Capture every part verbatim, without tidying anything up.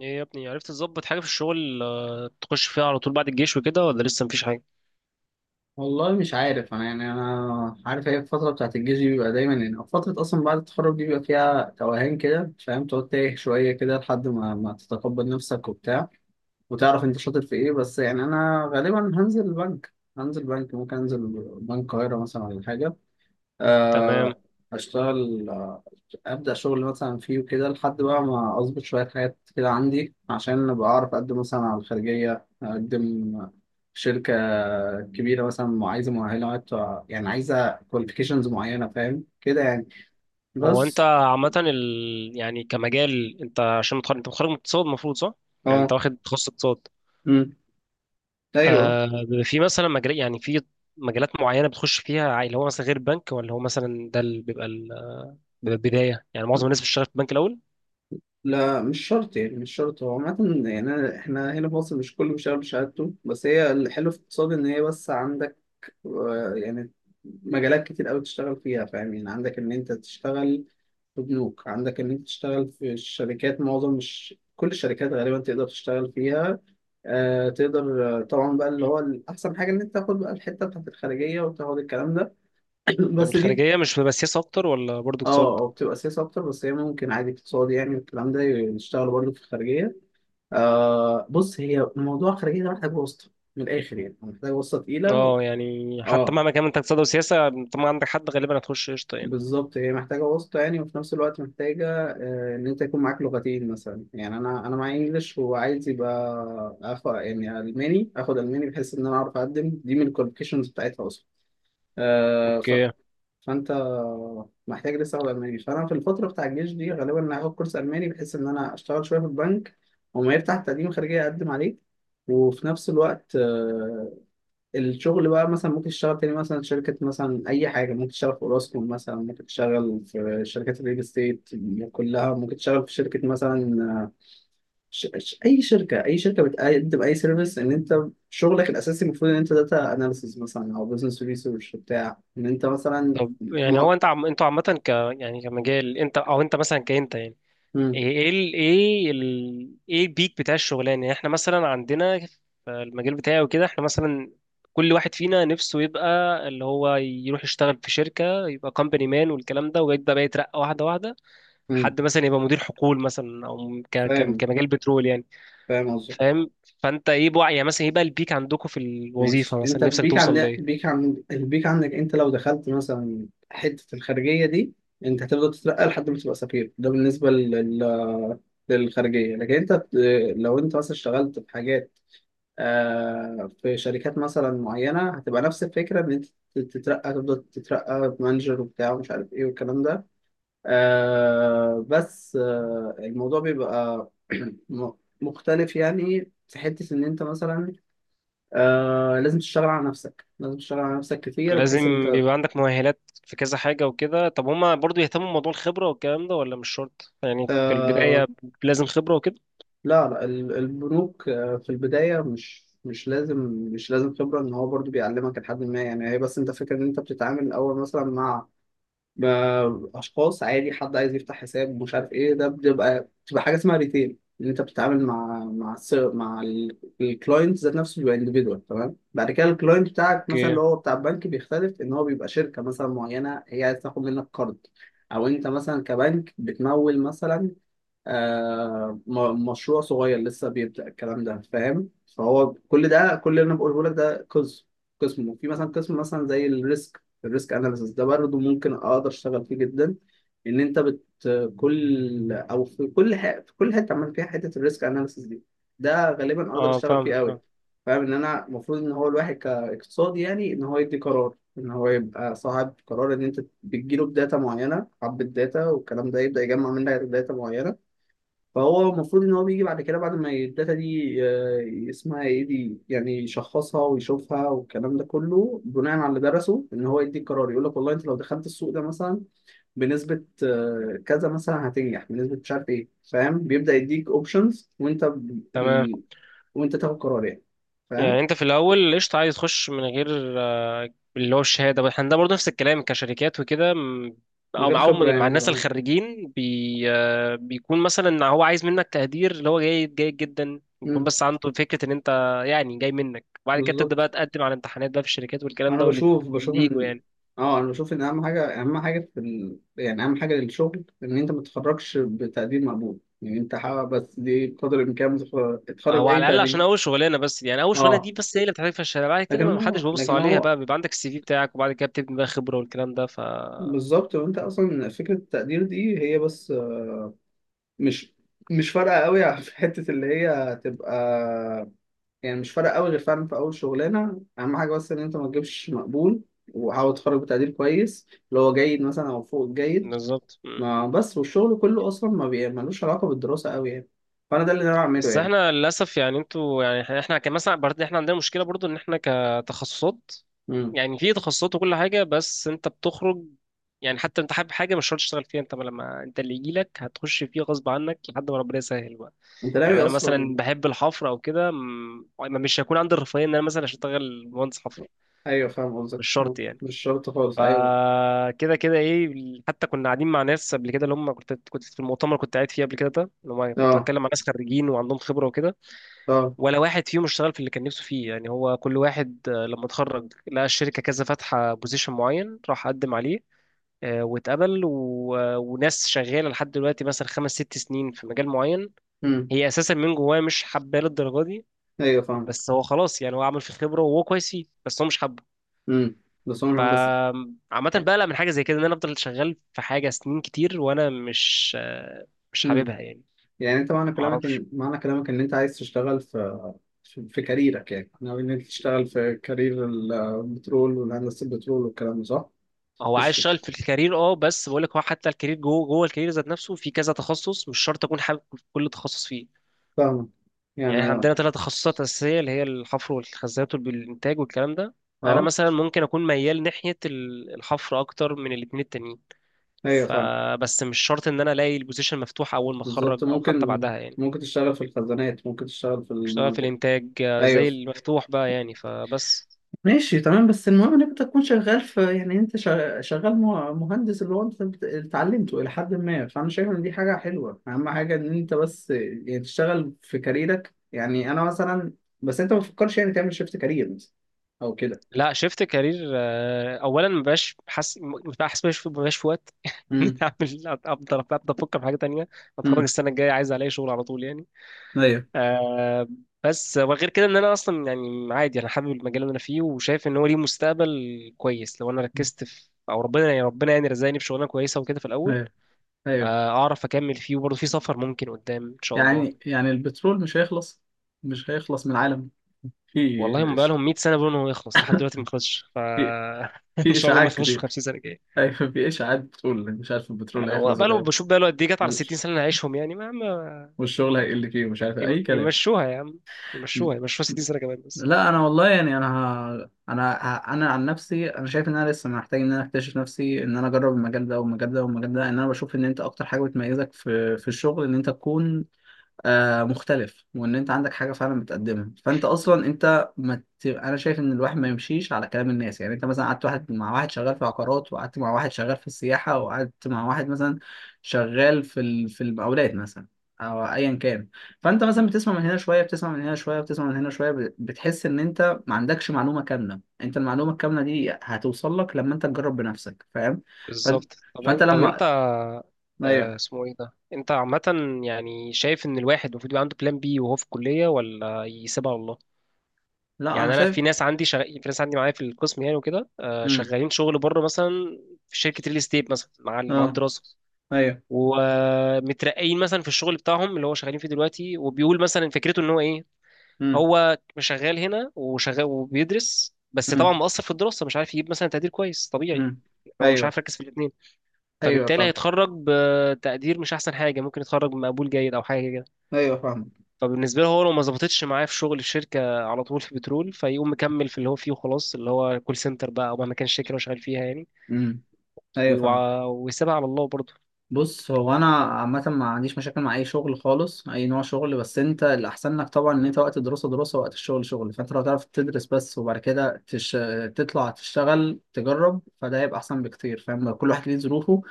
ايه يا ابني، عرفت تظبط حاجة في الشغل؟ آه، تخش فيها على طول بعد الجيش وكده ولا لسه مفيش حاجة؟ والله مش عارف انا يعني انا عارف هي الفتره بتاعت الجيش دي بيبقى دايما يعني أو فتره اصلا بعد التخرج دي بيبقى فيها توهان كده، فاهم، تقعد تايه شويه كده لحد ما ما تتقبل نفسك وبتاع، وتعرف انت شاطر في ايه. بس يعني انا غالبا هنزل البنك هنزل بنك ممكن انزل بنك القاهره مثلا، ولا حاجه. تمام. آه، اشتغل، ابدا شغل مثلا فيه وكده، لحد بقى ما اظبط شويه حاجات كده عندي، عشان ابقى اعرف اقدم مثلا على الخارجيه، اقدم في شركه كبيره مثلا مع- عايزه مؤهلات، يعني عايزه كواليفيكيشنز معينه، فاهم كده يعني. هو انت بس. عامة ال... يعني كمجال، انت عشان متخرج انت متخرج من اقتصاد، المفروض صح؟ يعني انت اه. واخد تخصص اقتصاد. امم ايوه. آه بيبقى في مثلا مجال، يعني في مجالات معينة بتخش فيها، عا- اللي هو مثلا غير البنك، ولا هو مثلا ده اللي بيبقى ال... بيبقى البداية. يعني معظم الناس بتشتغل في البنك الأول. لا، مش شرط يعني، مش شرط. هو عامة يعني أنا- احنا هنا في مصر مش كله بيشتغل بشهادته. بس هي الحلو في الاقتصاد ان هي بس عندك آه، يعني مجالات كتير قوي تشتغل فيها، فاهم يعني. عندك ان انت تشتغل في بنوك، عندك ان انت تشتغل في الشركات، معظم مش كل الشركات غالبا تقدر تشتغل فيها. آه تقدر. آه، طبعا بقى اللي هو احسن حاجه ان انت تاخد بقى الحته بتاعت الخارجيه وتاخد الكلام ده. طب بس دي. الخارجية مش بتبقى سياسة أكتر ولا برضه اه، اقتصاد؟ او بتبقى سياسه اكتر، بس هي ممكن عادي اقتصادي يعني والكلام ده يشتغلوا برضه في الخارجيه. آه بص، هي موضوع الخارجيه ده محتاج واسطه من الاخر، يعني محتاج واسطه تقيله. اه يعني، حتى اه. مهما كان انت اقتصاد وسياسة. طب ما عندك حد غالبا، هتخش قشطة يعني. بالظبط، هي محتاجة واسطة يعني، وفي نفس الوقت محتاجة آه، إن أنت يكون معاك لغتين مثلا. يعني أنا أنا معايا إنجلش، وعايز يبقى آخد يعني ألماني، آخد ألماني، بحيث إن أنا أعرف أقدم دي من الكواليفيكيشنز بتاعتها أصلا. آه، ف... اوكي. فأنت محتاج لسه آخد ألماني. فأنا في الفترة بتاع الجيش دي غالبا هاخد كورس ألماني، بحيث إن أنا أشتغل شوية في البنك، وما يفتح تقديم خارجية أقدم عليه. وفي نفس الوقت آه، الشغل بقى مثلا ممكن تشتغل تاني مثلا شركة مثلا، أي حاجة. ممكن تشتغل في أوراسكوم مثلا، ممكن تشتغل في شركات الريل استيت، كلها ممكن تشتغل في شركة مثلا. ش... ش... أي شركة أي شركة بتقدم أي سيرفيس، إن أنت شغلك الأساسي المفروض إن أنت داتا أناليسيز مثلا، أو بزنس ريسيرش بتاع إن أنت مثلا. طب م... يعني هو انت عم... انتوا عامة ك، يعني كمجال انت، او انت مثلا كأنت يعني، م... ايه ايه ال... ايه ال... ايه البيك بتاع الشغلانة؟ يعني احنا مثلا عندنا في المجال بتاعي وكده، احنا مثلا كل واحد فينا نفسه يبقى اللي هو يروح يشتغل في شركة، يبقى كومباني مان والكلام ده، ويبدأ بقى يترقى واحدة واحدة، م... لحد مثلا يبقى مدير حقول مثلا، او ك... ك... فاهم. كمجال بترول يعني. فاهم قصدي. فاهم. فانت ايه بقى يعني، مثلا ايه بقى البيك عندكم في الوظيفة، ماشي. انت مثلا نفسك البيك توصل؟ عندك، البيك عند البيك عندك انت لو دخلت مثلا حتة الخارجية دي، انت هتفضل تترقى لحد ما تبقى سفير. ده بالنسبة لل... للخارجية. لكن انت ت- لو انت مثلا اشتغلت في حاجات، آه في شركات مثلا معينة، هتبقى نفس الفكرة، ان انت تترقى، تفضل تترقى مانجر وبتاع ومش عارف ايه والكلام ده. آه بس آه الموضوع بيبقى م- مختلف يعني، في حتة ان انت مثلا آه لازم تشتغل على نفسك، لازم تشتغل على نفسك كتير، بحيث إن لازم انت بيبقى عندك مؤهلات في كذا حاجة وكده. طب هما برضو يهتموا بموضوع الخبرة والكلام ده، ولا مش شرط يعني في آه البداية لازم خبرة وكده؟ لا، لا، ال- البنوك آه في البداية مش مش لازم، مش لازم خبرة، ان هو برضو بيعلمك لحد ما، يعني هي بس انت فكرة ان انت بتتعامل الاول مثلا مع ما اشخاص عادي، حد عايز يفتح حساب مش عارف ايه، ده بتبقى بتبقى حاجه اسمها ريتيل، ان انت بتتعامل مع مع الس- مع الكلاينت ذات نفسه، بيبقى انديفيدوال. تمام. بعد كده الكلاينت بتاعك مثلا اوكي. اللي هو بتاع البنك بيختلف، ان هو بيبقى شركه مثلا معينه هي عايز تاخد منك قرض، او انت مثلا كبنك بتمول مثلا آه م- مشروع صغير لسه بيبدأ الكلام ده، فاهم. فهو كل ده، كل اللي انا بقوله لك ده قسم، قسم. وفي مثلا قسم مثلا زي الريسك، الريسك اناليسيس ده برضه ممكن اقدر اشتغل فيه جدا. ان انت بت كل، او في كل ح... في كل حته عمل فيها حته الريسك اناليسيس دي، ده غالبا اقدر اه اشتغل فيه فاهمك. قوي. اه فاهم ان انا المفروض، ان هو الواحد كاقتصادي يعني، ان هو يدي قرار، ان هو يبقى صاحب قرار، ان انت بتجيله بداتا معينه، حبه داتا والكلام ده، يبدا يجمع منها داتا معينه. فهو المفروض ان هو بيجي بعد كده، بعد ما الداتا دي آه، اسمها ايه دي، يعني يشخصها ويشوفها والكلام ده كله، بناء على اللي درسه ان هو يدي قرار، يقول لك والله انت لو دخلت السوق ده مثلا بنسبة آه، كذا مثلا هتنجح، بنسبة مش عارف ايه، فاهم. بيبدأ يديك اوبشنز، وانت ب... تمام. ال... وانت تاخد قرار يعني. فاهم. يعني انت في الاول قشطة عايز تخش من غير آه، اللي هو الشهادة. بس احنا ده برضو نفس الكلام كشركات وكده. م- من او غير خبرة معاهم، مع يعني الناس كمان. الخريجين، بي آه، بيكون مثلا هو عايز منك تقدير، اللي هو جيد جيد جدا يكون، امم بس عنده فكرة ان انت يعني جاي منك، وبعد كده تبدأ بقى بالظبط. تقدم على امتحانات بقى في الشركات والكلام انا ده، واللي بشوف، بشوف واللي يجوا ان يعني. اه انا بشوف ان اهم حاجه، اهم حاجه في ال... يعني اهم حاجه للشغل، ان انت ما تتخرجش بتقدير مقبول. يعني انت حاول بس دي بقدر الامكان تتخ- تتخرج او على باي الاقل عشان تقدير. اول شغلانه، بس يعني اول شغلانه اه. دي بس هي اللي بتحتاج، في الشارع بعد كده لكن ما حدش هو بيبص لكن عليها، هو بقى بيبقى عندك السي في بتاعك، وبعد كده بتبني بقى خبره والكلام ده، ف بالظبط. وانت اصلا فكره التقدير دي هي بس آه، مش مش فارقه قوي في حته اللي هي تبقى يعني، مش فارقه قوي، غير فعلا في اول شغلانه. اهم حاجه بس ان انت ما تجيبش مقبول، وحاول تتخرج بتقدير كويس، اللي هو جيد مثلا او فوق الجيد. بالظبط. مم. ما بس، والشغل كله اصلا ما بي- ملوش علاقه بالدراسه قوي يعني، فانا ده اللي انا بعمله بس يعني. احنا للاسف يعني، انتوا يعني احنا، إحنا كان مثلا برضه، احنا عندنا مشكله برضه ان احنا كتخصصات، امم يعني في تخصصات وكل حاجه، بس انت بتخرج يعني، حتى انت حابب حاجه مش شرط تشتغل فيها، انت لما انت اللي يجي لك هتخش فيه غصب عنك، لحد ما ربنا يسهل بقى. انت ناوي يعني انا مثلا اصلا. بحب الحفر او كده، مم، مش هيكون عندي الرفاهيه ان انا مثلا اشتغل مهندس حفر. ايوه، فاهم قصدك. مش آه، شرط يعني. مش شرط خالص، ايوه. فكده كده ايه، حتى كنا قاعدين مع ناس قبل كده، اللي هم كنت كنت في المؤتمر كنت قاعد فيه قبل كده، ده اللي هم كنت اه. بتكلم مع ناس خريجين وعندهم خبره وكده، اه. ولا واحد فيهم اشتغل في اللي كان نفسه فيه. يعني هو كل واحد آه، لما اتخرج، لقى الشركه كذا فاتحه بوزيشن معين، راح قدم عليه، آه، واتقبل و... آه، وناس شغاله لحد دلوقتي مثلا خمس ست سنين في مجال معين، امم هي اساسا من جواه مش حباه للدرجه دي. ايوه، فاهم. بس هو خلاص يعني، هو عمل في خبره وهو كويس فيه، بس هو مش حابه. امم بس عمرك بس. فعامة يعني بقلق من حاجة زي كده، ان انا افضل شغال في حاجة سنين كتير وانا مش آه، مش امم حاببها يعني. يعني انت، معنى كلامك معرفش. ان، معنى كلامك ان انت عايز تشتغل في، في في كاريرك يعني، ناوي ان انت تشتغل في كارير ال- البترول والهندسه، البترول والكلام ده، صح؟ هو عايز مش يشتغل في الكارير. اه، بس بقول لك، هو حتى الكارير، جوه جوه الكارير ذات نفسه، في كذا تخصص مش شرط اكون حابب كل تخصص فيه. فاهمك يعني احنا يعني. عندنا ثلاث تخصصات اساسيه، اللي هي الحفر والخزانات والانتاج والكلام ده. انا اه، مثلا ممكن اكون ميال ناحيه ال- الحفر اكتر من الاثنين التانيين. ايوه فاهم. فبس مش شرط ان انا الاقي البوزيشن مفتوح اول ما بالظبط، اتخرج، او حتى ممكن بعدها يعني. ممكن تشتغل في الخزانات، ممكن تشتغل في اشتغل في المواجع. الانتاج آه، ايوه، زي المفتوح بقى يعني، فبس. ماشي. تمام. بس المهم ان انت تكون شغال في، يعني انت شغ- شغال مه- مهندس، اللي هو انت بت- اللي اتعلمته الى حد ما، فانا شايف ان دي حاجه حلوه. اهم حاجه ان انت بس يعني تشتغل في كاريرك يعني. انا مثلا. بس انت ما تفكرش يعني تعمل شيفت كارير مثلا او كده. لا، شفت كارير آه، اولا مبقاش حاسس، مبقاش مبقاش مبقاش في وقت إن امم. اعمل، افضل ابدا افكر في حاجه تانية. اتخرج امم. السنه الجايه، عايز الاقي شغل على طول يعني. ايوه. آه، بس وغير كده، ان انا اصلا يعني عادي، انا حابب المجال اللي انا فيه، وشايف ان هو ليه مستقبل كويس لو انا مم. ركزت في، او ربنا يعني ربنا يعني رزقني بشغلانه كويسه وكده في الاول. ايوه. ايوه آه، اعرف اكمل فيه، وبرضه في سفر ممكن قدام ان شاء الله. يعني يعني البترول مش هيخلص، مش هيخلص من العالم. في والله موبايلهم مئة سنه بيقولوا ان هو يخلص، لحد دلوقتي ما خلصش. ف في ان في شاء الله ما اشاعات يخلصش في كتير. خمسين سنه جايه. ايوه، مفيش عاد بتقول مش عارف البترول يعني هو هيخلص بقاله، وكده، بشوف بقاله قد ايه، جت على ستين سنه اللي هنعيشهم يعني، ما ما والشغل هيقل فيه ومش عارف إيه، يم- اي كلام. يمشوها يا عم، يمشوها يمشوها ستين سنه كمان بس. لا، انا والله يعني، انا ه... انا ه... انا عن نفسي، انا شايف ان انا لسه محتاج، ان انا اكتشف نفسي، ان انا اجرب المجال ده والمجال ده والمجال ده. ان انا بشوف ان انت اكتر حاجه بتميزك في في الشغل، ان انت تكون آه مختلف، وان انت عندك حاجه فعلا بتقدمها. فانت اصلا انت ما ت... انا شايف ان الواحد ما يمشيش على كلام الناس. يعني انت مثلا قعدت، واحد مع واحد شغال في عقارات، وقعدت مع واحد شغال في السياحه، وقعدت مع واحد مثلا شغال في ال... في المقاولات مثلا، او ايا كان. فانت مثلا بتسمع من هنا شويه، بتسمع من هنا شويه، بتسمع من هنا شويه، ب- بتحس ان انت ما عندكش معلومه كامله. انت المعلومه الكامله دي هتوصل لك لما انت تجرب بنفسك، فاهم. فانت بالظبط. طب فانت إن- طب انت لما آه، ايوه. اسمه ايه ده، انت عامه يعني شايف ان الواحد المفروض يبقى عنده بلان بي وهو في الكليه، ولا يسيبها على الله؟ لا، انا يعني انا شايف. في ناس عندي، شغ... في ناس عندي معايا في القسم يعني وكده، آه، امم شغالين شغل بره مثلا، في شركه ريل استيت مثلا مع ال- مع اه، الدراسه، ايوه. ومترقيين مثلا في الشغل بتاعهم اللي هو شغالين فيه دلوقتي. وبيقول مثلا، فكرته ان هو ايه، امم هو مش شغال هنا وشغال وبيدرس، بس طبعا امم. مقصر في الدراسه، مش عارف يجيب مثلا تقدير كويس طبيعي. امم هو مش ايوه. عارف يركز في الاثنين، ايوه فبالتالي فاهم. هيتخرج بتقدير مش احسن حاجه، ممكن يتخرج بمقبول جيد او حاجه كده. ايوه فاهم. فبالنسبه له هو، لو ما ظبطتش معاه في شغل الشركه على طول في بترول، فيقوم مكمل في اللي هو فيه وخلاص، اللي هو كول سنتر بقى، او مهما كان الشركه اللي هو شغال فيها يعني. امم ايوه فاهم. ويوع- ويسيبها على الله برضه. بص هو انا عامه ما عنديش مشاكل مع اي شغل خالص، اي نوع شغل، بس انت الاحسن لك طبعا ان انت وقت الدراسه دراسه، وقت الشغل شغل. فانت لو تعرف تدرس بس، وبعد كده تش... تطلع تشتغل تجرب، فده هيبقى احسن بكتير، فاهم. كل واحد ليه ظروفه.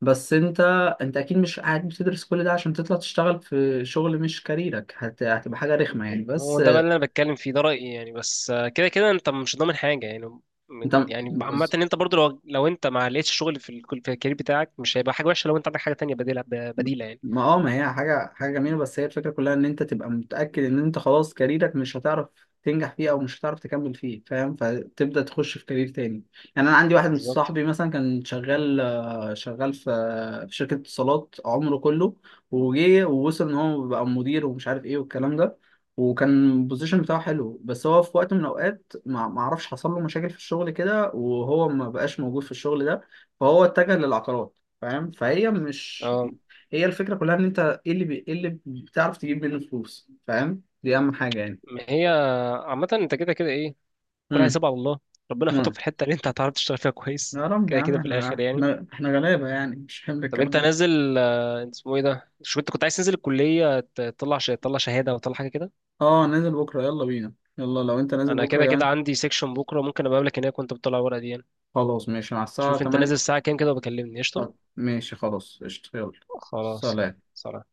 بس انت، انت اكيد مش قاعد بتدرس كل ده عشان تطلع تشتغل في شغل مش كاريرك. هت... هتبقى حاجه رخمه يعني. هو بس ده بقى اللي انا بتكلم فيه، ده رايي يعني. بس آه، كده كده انت مش ضامن حاجه يعني. انت من- يعني عامه ان انت برضو، لو لو انت ما لقيتش شغل في ال- في الكارير بتاعك، مش هيبقى حاجه وحشه لو انت عندك حاجه تانية بديله، ب- بديله يعني. ما اه ما هي حاجة حاجة جميلة، بس هي الفكرة كلها ان انت تبقى متأكد ان انت خلاص كاريرك مش هتعرف تنجح فيه، او مش هتعرف تكمل فيه، فاهم، فتبدأ تخش في كارير تاني. يعني انا عندي واحد من بالظبط. صاحبي مثلا كان شغال آه، شغال في آه، في شركة اتصالات عمره كله، وجه ووصل ان هو بقى مدير ومش عارف ايه والكلام ده، وكان البوزيشن بتاعه حلو. بس هو في وقت من الاوقات ما ما اعرفش حصل له مشاكل في الشغل كده، وهو ما بقاش موجود في الشغل ده، فهو اتجه للعقارات، فاهم. فهي مش، اه، هي الفكرة كلها ان انت، ايه اللي بي... إيه اللي بتعرف تجيب منه فلوس، فاهم، دي اهم حاجة يعني. ما هي عامه انت كده كده ايه، كل امم حساب على الله، ربنا يحطك امم. في الحته اللي انت هتعرف تشتغل فيها كويس، يا رب، يا كده عم كده في احنا، الاخر يعني. احنا احنا غلابة يعني، مش حمل طب الكلام انت ده. نازل آه، اسمه ايه ده، شو انت كنت عايز تنزل الكليه، ت- تطلع ش- تطلع شهاده، او تطلع حاجه كده؟ اه، نازل بكرة. يلا بينا، يلا لو انت نازل انا بكرة كده كده كمان. عندي سيكشن بكره، ممكن ابقى اقابلك هناك وانت بتطلع الورقه دي يعني. خلاص، ماشي، مع الساعة شوف انت نازل تمانية. الساعة كام كده، وبكلمني قشطة. ماشي، خلاص، قشطة، يلا. خلاص يلا، سلام. سلام.